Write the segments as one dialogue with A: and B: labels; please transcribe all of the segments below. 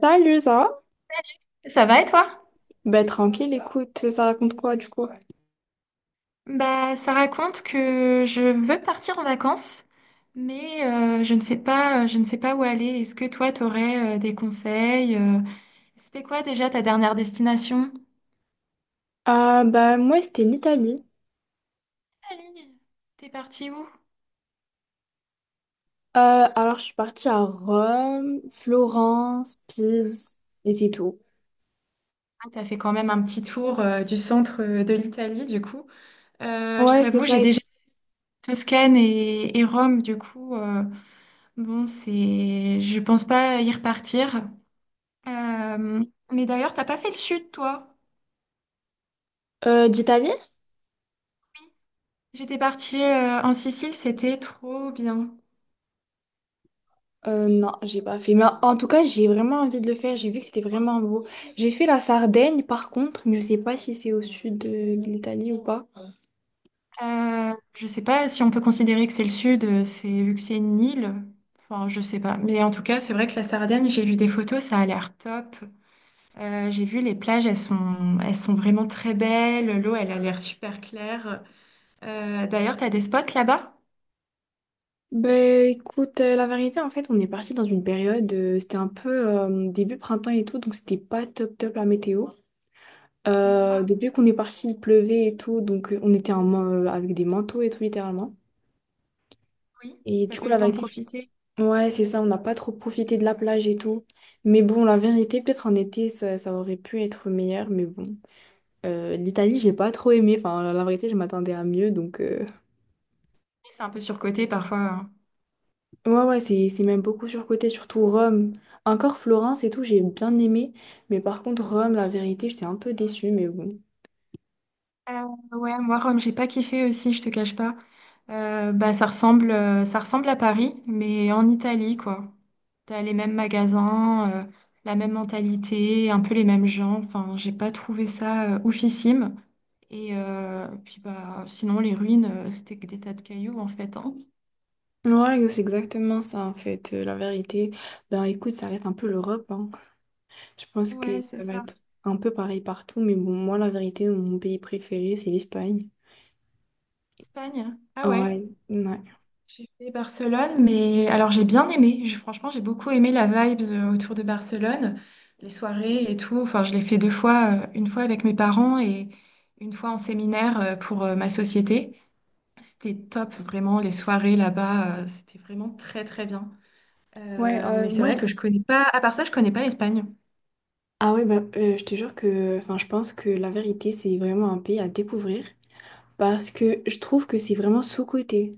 A: Salut, ça va?
B: Ça va et toi?
A: Tranquille, écoute, ça raconte quoi du coup?
B: Bah, ça raconte que je veux partir en vacances, mais je ne sais pas, je ne sais pas où aller. Est-ce que toi, t'aurais des conseils? C'était quoi déjà ta dernière destination?
A: Moi, c'était l'Italie.
B: Italie. T'es parti où?
A: Alors, je suis partie à Rome, Florence, Pise, et c'est tout.
B: Ah, t'as fait quand même un petit tour du centre de l'Italie, du coup. Je
A: Ouais, c'est
B: t'avoue,
A: ça.
B: j'ai déjà fait Toscane et Rome, du coup. Bon, je pense pas y repartir. Euh, mais d'ailleurs, t'as pas fait le sud, toi?
A: d'Italie?
B: J'étais partie en Sicile, c'était trop bien.
A: Non, j'ai pas fait. Mais en tout cas, j'ai vraiment envie de le faire. J'ai vu que c'était vraiment beau. J'ai fait la Sardaigne, par contre, mais je sais pas si c'est au sud de l'Italie ou pas.
B: Je sais pas si on peut considérer que c'est le sud, c'est vu que c'est une île. Enfin, je sais pas. Mais en tout cas, c'est vrai que la Sardaigne, j'ai vu des photos, ça a l'air top. J'ai vu les plages, elles sont vraiment très belles. L'eau, elle a l'air super claire. D'ailleurs, t'as des spots là-bas?
A: Ben écoute, la vérité, en fait, on est parti dans une période, c'était un peu début printemps et tout, donc c'était pas top top la météo.
B: Des fois,
A: Depuis qu'on est parti, il pleuvait et tout, donc on était avec des manteaux et tout, littéralement.
B: oui.
A: Et
B: T'as
A: du
B: pas
A: coup,
B: eu le
A: la
B: temps de
A: vérité,
B: profiter.
A: ouais, c'est ça, on n'a pas trop profité de la plage et tout. Mais bon, la vérité, peut-être en été, ça aurait pu être meilleur, mais bon. l'Italie, j'ai pas trop aimé, enfin, la vérité, je m'attendais à mieux, donc...
B: C'est un peu surcoté parfois, hein.
A: Ouais, ouais, c'est même beaucoup surcoté, surtout Rome. Encore Florence et tout, j'ai bien aimé, mais par contre, Rome, la vérité, j'étais un peu déçue, mais bon.
B: Euh, ouais, moi, Rome, j'ai pas kiffé aussi, je te cache pas. Bah, ça ressemble à Paris, mais en Italie, quoi. T'as les mêmes magasins, la même mentalité, un peu les mêmes gens. Enfin, j'ai pas trouvé ça oufissime. Et puis, bah, sinon, les ruines, c'était que des tas de cailloux, en fait, hein.
A: Ouais, c'est exactement ça, en fait, la vérité. Ben écoute, ça reste un peu l'Europe, hein. Je pense que
B: Ouais, c'est
A: ça va
B: ça.
A: être un peu pareil partout, mais bon, moi, la vérité, mon pays préféré, c'est l'Espagne.
B: Espagne. Ah
A: Ah
B: ouais.
A: ouais, ouais.
B: J'ai fait Barcelone, mais alors j'ai bien aimé. Franchement, j'ai beaucoup aimé la vibes autour de Barcelone, les soirées et tout. Enfin, je l'ai fait deux fois, une fois avec mes parents et une fois en séminaire pour ma société. C'était top, vraiment, les soirées là-bas, c'était vraiment très très bien.
A: Ouais,
B: Euh,
A: euh,
B: mais c'est
A: moi,
B: vrai que je connais pas, à part ça, je connais pas l'Espagne.
A: ah ouais, bah, je te jure que, enfin, je pense que la vérité, c'est vraiment un pays à découvrir parce que je trouve que c'est vraiment sous-coté.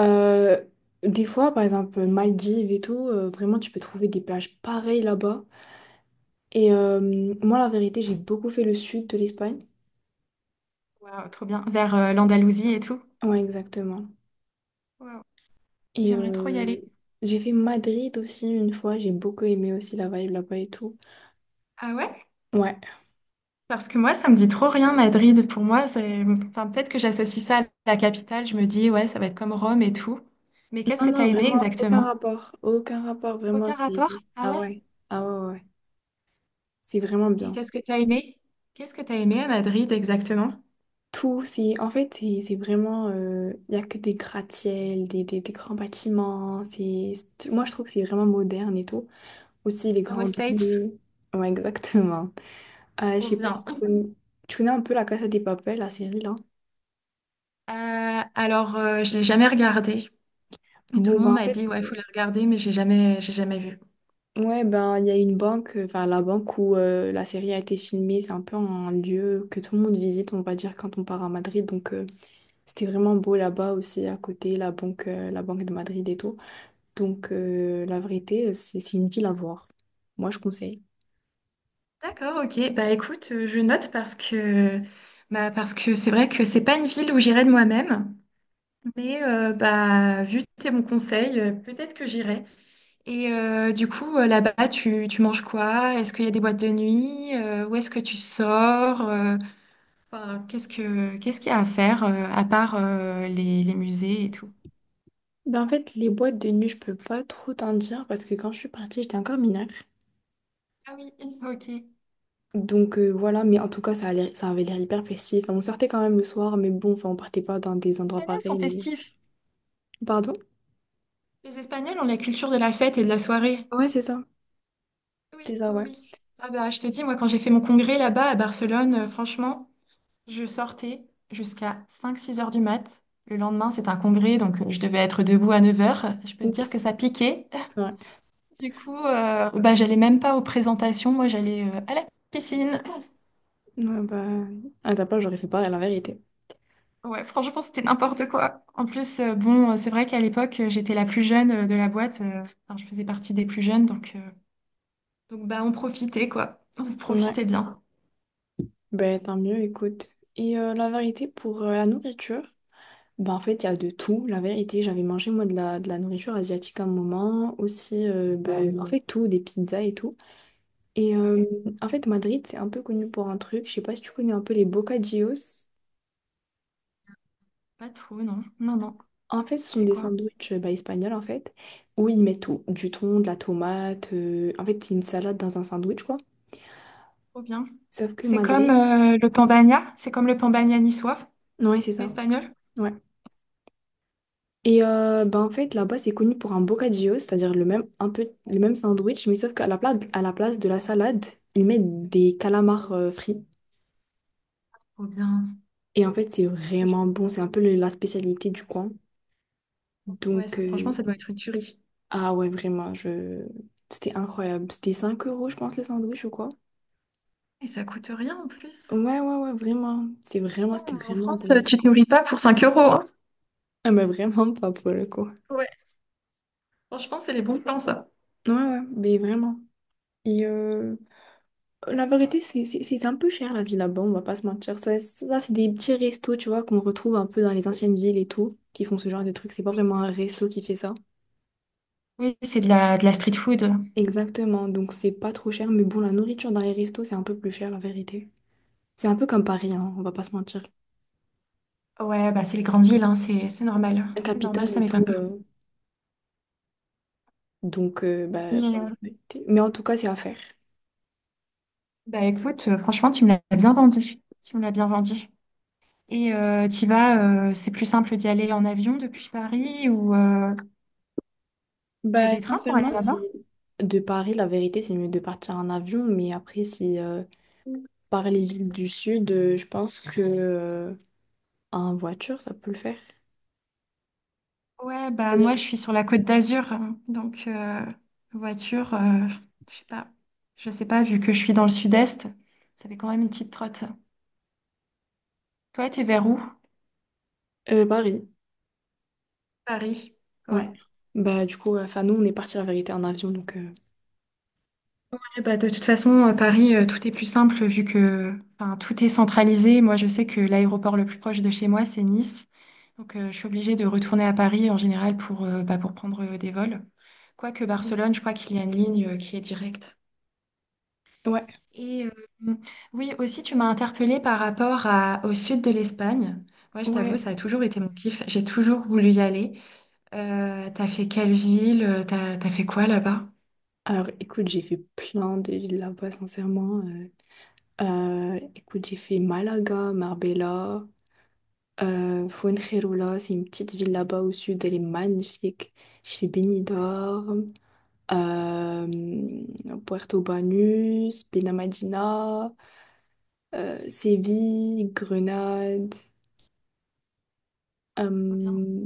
A: Euh, des fois, par exemple, Maldives et tout, vraiment, tu peux trouver des plages pareilles là-bas. Et moi, la vérité, j'ai beaucoup fait le sud de l'Espagne.
B: Waouh, trop bien. Vers l'Andalousie et tout.
A: Ouais, exactement.
B: Waouh,
A: Et
B: j'aimerais trop y
A: euh,
B: aller.
A: j'ai fait Madrid aussi une fois, j'ai beaucoup aimé aussi la vibe là-bas et tout.
B: Ah ouais?
A: Ouais.
B: Parce que moi, ça me dit trop rien, Madrid. Pour moi, c'est. Enfin, peut-être que j'associe ça à la capitale. Je me dis, ouais, ça va être comme Rome et tout. Mais qu'est-ce que
A: Non,
B: t'as
A: non,
B: aimé
A: vraiment, aucun
B: exactement?
A: rapport. Aucun rapport, vraiment,
B: Aucun
A: c'est...
B: rapport? Ah
A: Ah
B: ouais?
A: ouais, ah ouais, ouais. Ouais. C'est vraiment
B: Et
A: bien.
B: qu'est-ce que t'as aimé? Qu'est-ce que t'as aimé à Madrid exactement?
A: Tout, c'est... En fait, c'est vraiment... Il n'y a que des gratte-ciel, des grands bâtiments. C'est... Moi, je trouve que c'est vraiment moderne et tout. Aussi, les
B: Comme aux
A: grandes
B: States?
A: rues. Ouais, exactement. Je
B: Trop
A: sais pas si
B: bien.
A: tu connais... Tu connais un peu la Casa des Papel, la série, là?
B: Alors, je l'ai jamais regardé. Et tout
A: Bon,
B: le
A: bah
B: monde
A: en
B: m'a dit,
A: fait...
B: ouais, faut la regarder, mais j'ai jamais vu.
A: Ouais, ben il y a une banque, enfin la banque où la série a été filmée, c'est un peu un lieu que tout le monde visite, on va dire, quand on part à Madrid. C'était vraiment beau là-bas aussi, à côté, la banque de Madrid et tout. La vérité, c'est une ville à voir. Moi, je conseille.
B: D'accord, ok. Bah écoute, je note parce que c'est vrai que c'est pas une ville où j'irais de moi-même. Mais, vu tes bons conseils, peut-être que j'irai. Et du coup, là-bas, tu manges quoi? Est-ce qu'il y a des boîtes de nuit? Où est-ce que tu sors? Enfin, qu'est-ce qu'il y a à faire à part les musées et tout?
A: Ben en fait, les boîtes de nuit, je peux pas trop t'en dire parce que quand je suis partie, j'étais encore mineure.
B: Ah oui, ok. Les
A: Voilà, mais en tout cas, ça avait l'air hyper festif. Enfin, on sortait quand même le soir, mais bon, enfin, on partait pas dans des endroits
B: Espagnols sont
A: pareils, mais...
B: festifs.
A: Pardon?
B: Les Espagnols ont la culture de la fête et de la soirée.
A: Ouais, c'est ça.
B: Oui,
A: C'est ça,
B: oui,
A: ouais.
B: oui. Ah bah, je te dis, moi, quand j'ai fait mon congrès là-bas à Barcelone, franchement. Je sortais jusqu'à cinq six heures du mat. Le lendemain, c'est un congrès, donc je devais être debout à 9 heures. Je peux te dire
A: Oups.
B: que ça piquait.
A: Ouais.
B: Du coup, bah, j'allais même pas aux présentations. Moi, j'allais à la piscine.
A: Ouais, bah... À ta place, j'aurais fait pareil, la vérité.
B: Ouais, franchement, c'était n'importe quoi. En plus, bon, c'est vrai qu'à l'époque, j'étais la plus jeune de la boîte. Enfin, je faisais partie des plus jeunes, donc bah, on profitait, quoi. On profitait
A: Ouais.
B: bien.
A: Ben tant mieux, écoute. La vérité, pour la nourriture, ben en fait, il y a de tout. La vérité, j'avais mangé, moi, de la nourriture asiatique à un moment. Aussi, ben, en fait, tout, des pizzas et tout. Et euh,
B: Ouais,
A: en fait, Madrid, c'est un peu connu pour un truc. Je sais pas si tu connais un peu les bocadillos.
B: pas trop, non. Non, non.
A: En fait, ce sont
B: C'est
A: des
B: quoi?
A: sandwichs bah, espagnols, en fait, où ils mettent tout, du thon, de la tomate. En fait, c'est une salade dans un sandwich, quoi.
B: Trop bien.
A: Sauf que
B: C'est comme
A: Madrid,
B: le Pambagna. C'est comme le Pambagna niçois,
A: ouais, c'est
B: mais
A: ça.
B: espagnol.
A: Ouais. En fait, là-bas, c'est connu pour un bocadillo, c'est-à-dire le même, un peu, le même sandwich, mais sauf qu'à la place de la salade, ils mettent des calamars frits.
B: Trop bien.
A: Et en fait, c'est
B: Franch-
A: vraiment bon. C'est un peu la spécialité du coin.
B: Ouais,
A: Donc,
B: ça, franchement,
A: euh,
B: ça doit être une tuerie.
A: Ah ouais, vraiment, je... C'était incroyable. C'était 5 euros, je pense, le sandwich ou quoi?
B: Et ça coûte rien en plus.
A: Ouais, ouais, ouais, vraiment. C'est vraiment, c'était
B: Franchement, en
A: vraiment
B: France,
A: bon.
B: tu te nourris pas pour 5 euros, hein.
A: Ah mais vraiment pas pour le coup.
B: Ouais. Franchement, c'est les bons plans, ça.
A: Ouais, ouais, mais vraiment. Et euh, la vérité, c'est un peu cher la vie là-bas, on va pas se mentir. Ça c'est des petits restos, tu vois, qu'on retrouve un peu dans les anciennes villes et tout, qui font ce genre de trucs. C'est pas
B: Oui,
A: vraiment un resto qui fait ça.
B: oui, c'est de la street food.
A: Exactement, donc c'est pas trop cher. Mais bon, la nourriture dans les restos, c'est un peu plus cher, la vérité. C'est un peu comme Paris, hein, on va pas se mentir.
B: Ouais, bah c'est les grandes villes, hein, c'est normal.
A: La
B: C'est normal,
A: capitale
B: ça
A: et
B: m'étonne
A: tout.
B: pas.
A: euh,
B: Et,
A: Voilà, la vérité. Mais en tout cas, c'est à faire.
B: bah écoute, franchement, tu me l'as bien vendu. Tu me l'as bien vendu. Et c'est plus simple d'y aller en avion depuis Paris ou il y a
A: Bah,
B: des trains pour aller
A: sincèrement,
B: là-bas?
A: si de Paris, la vérité, c'est mieux de partir en avion. Mais après, si par les villes du sud, je pense que en voiture, ça peut le faire.
B: Ouais, bah
A: C'est-à-dire
B: moi je suis sur la Côte d'Azur, hein. Donc voiture, je sais pas, je sais pas, vu que je suis dans le sud-est, ça fait quand même une petite trotte. Toi, t'es vers où?
A: Paris,
B: Paris.
A: ouais.
B: Ouais.
A: Bah, du coup, enfin, nous, on est parti la vérité en avion.
B: Ouais, bah de toute façon, à Paris, tout est plus simple vu que enfin, tout est centralisé. Moi, je sais que l'aéroport le plus proche de chez moi, c'est Nice. Donc, je suis obligée de retourner à Paris en général pour prendre des vols. Quoique Barcelone, je crois qu'il y a une ligne qui est directe.
A: Ouais,
B: Et oui, aussi, tu m'as interpellée par rapport au sud de l'Espagne. Moi, je t'avoue,
A: ouais.
B: ça a toujours été mon kiff. J'ai toujours voulu y aller. T'as fait quelle ville? T'as fait quoi là-bas?
A: Alors, écoute, j'ai fait plein de villes là-bas, sincèrement. Écoute, j'ai fait Malaga, Marbella. Fuengirola, c'est une petite ville là-bas au sud, elle est magnifique. Je fais Benidorm, euh, Puerto Banús, Benamadina, Séville, Grenade,
B: Trop bien.
A: euh,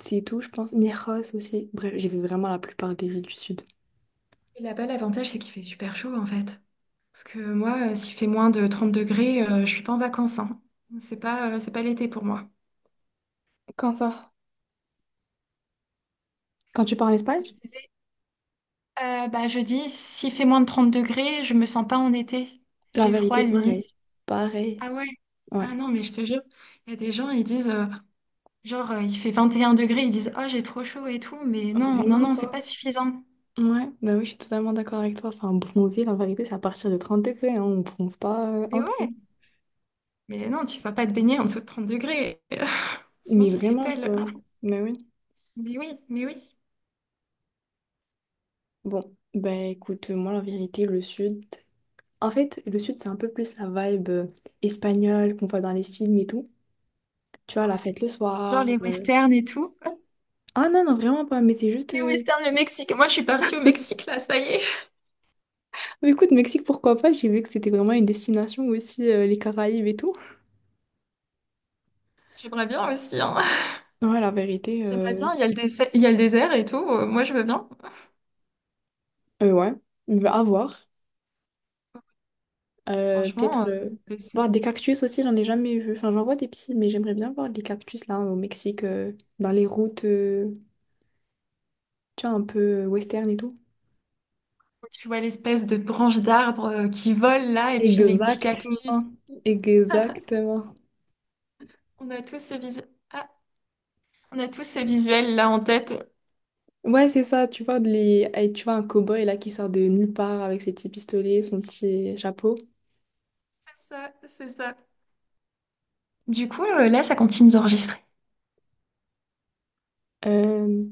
A: c'est tout, je pense. Mieres aussi. Bref, j'ai vu vraiment la plupart des villes du sud.
B: Et là-bas, l'avantage, c'est qu'il fait super chaud, en fait. Parce que moi, s'il fait moins de 30 degrés, je suis pas en vacances, hein. C'est pas l'été pour moi.
A: Quand ça? Quand tu pars en Espagne?
B: Je disais, je dis, s'il fait moins de 30 degrés, je me sens pas en été.
A: La
B: J'ai froid,
A: vérité, pareil.
B: limite.
A: Pareil.
B: Ah ouais?
A: Ouais.
B: Ah non, mais je te jure, il y a des gens, ils disent. Genre, il fait 21 degrés, ils disent, oh, j'ai trop chaud et tout, mais non, non,
A: Vraiment
B: non, c'est
A: pas.
B: pas suffisant.
A: Ouais, bah oui, je suis totalement d'accord avec toi. Enfin, bronzer, la vérité, c'est à partir de 30 degrés, hein, on bronze pas
B: Mais
A: en dessous.
B: ouais, mais non, tu vas pas te baigner en dessous de 30 degrés, sinon
A: Mais
B: tu te les
A: vraiment
B: pèles.
A: pas. Mais oui.
B: Mais oui, mais oui.
A: Bon, ben écoute, moi la vérité, le sud. En fait, le sud, c'est un peu plus la vibe espagnole qu'on voit dans les films et tout. Tu vois, la fête le
B: Genre
A: soir.
B: les westerns et tout.
A: Ah non, non, vraiment pas. Mais c'est juste.
B: Les
A: euh,
B: westerns, le Mexique. Moi, je suis partie au Mexique, là, ça y est.
A: Mais écoute, Mexique, pourquoi pas? J'ai vu que c'était vraiment une destination aussi, les Caraïbes et tout.
B: J'aimerais bien aussi, hein.
A: Ouais, la vérité,
B: J'aimerais
A: euh,
B: bien, il y a le désert, il y a le désert et tout. Moi, je veux bien.
A: euh, ouais. Bah, à voir. Peut-être
B: Franchement,
A: voir des cactus aussi, j'en ai jamais vu. Enfin, j'en vois des petits, mais j'aimerais bien voir des cactus là au Mexique, dans les routes. Tu vois, un peu western et tout.
B: tu vois l'espèce de branche d'arbre qui vole là, et puis les petits cactus.
A: Exactement. Exactement.
B: On a tous ce visuel. Ah, on a tous ce visuel là en tête.
A: Ouais, c'est ça, tu vois, de les... eh, tu vois un cow-boy là qui sort de nulle part avec ses petits pistolets, son petit chapeau.
B: C'est ça, c'est ça. Du coup, là, ça continue d'enregistrer.
A: Euh,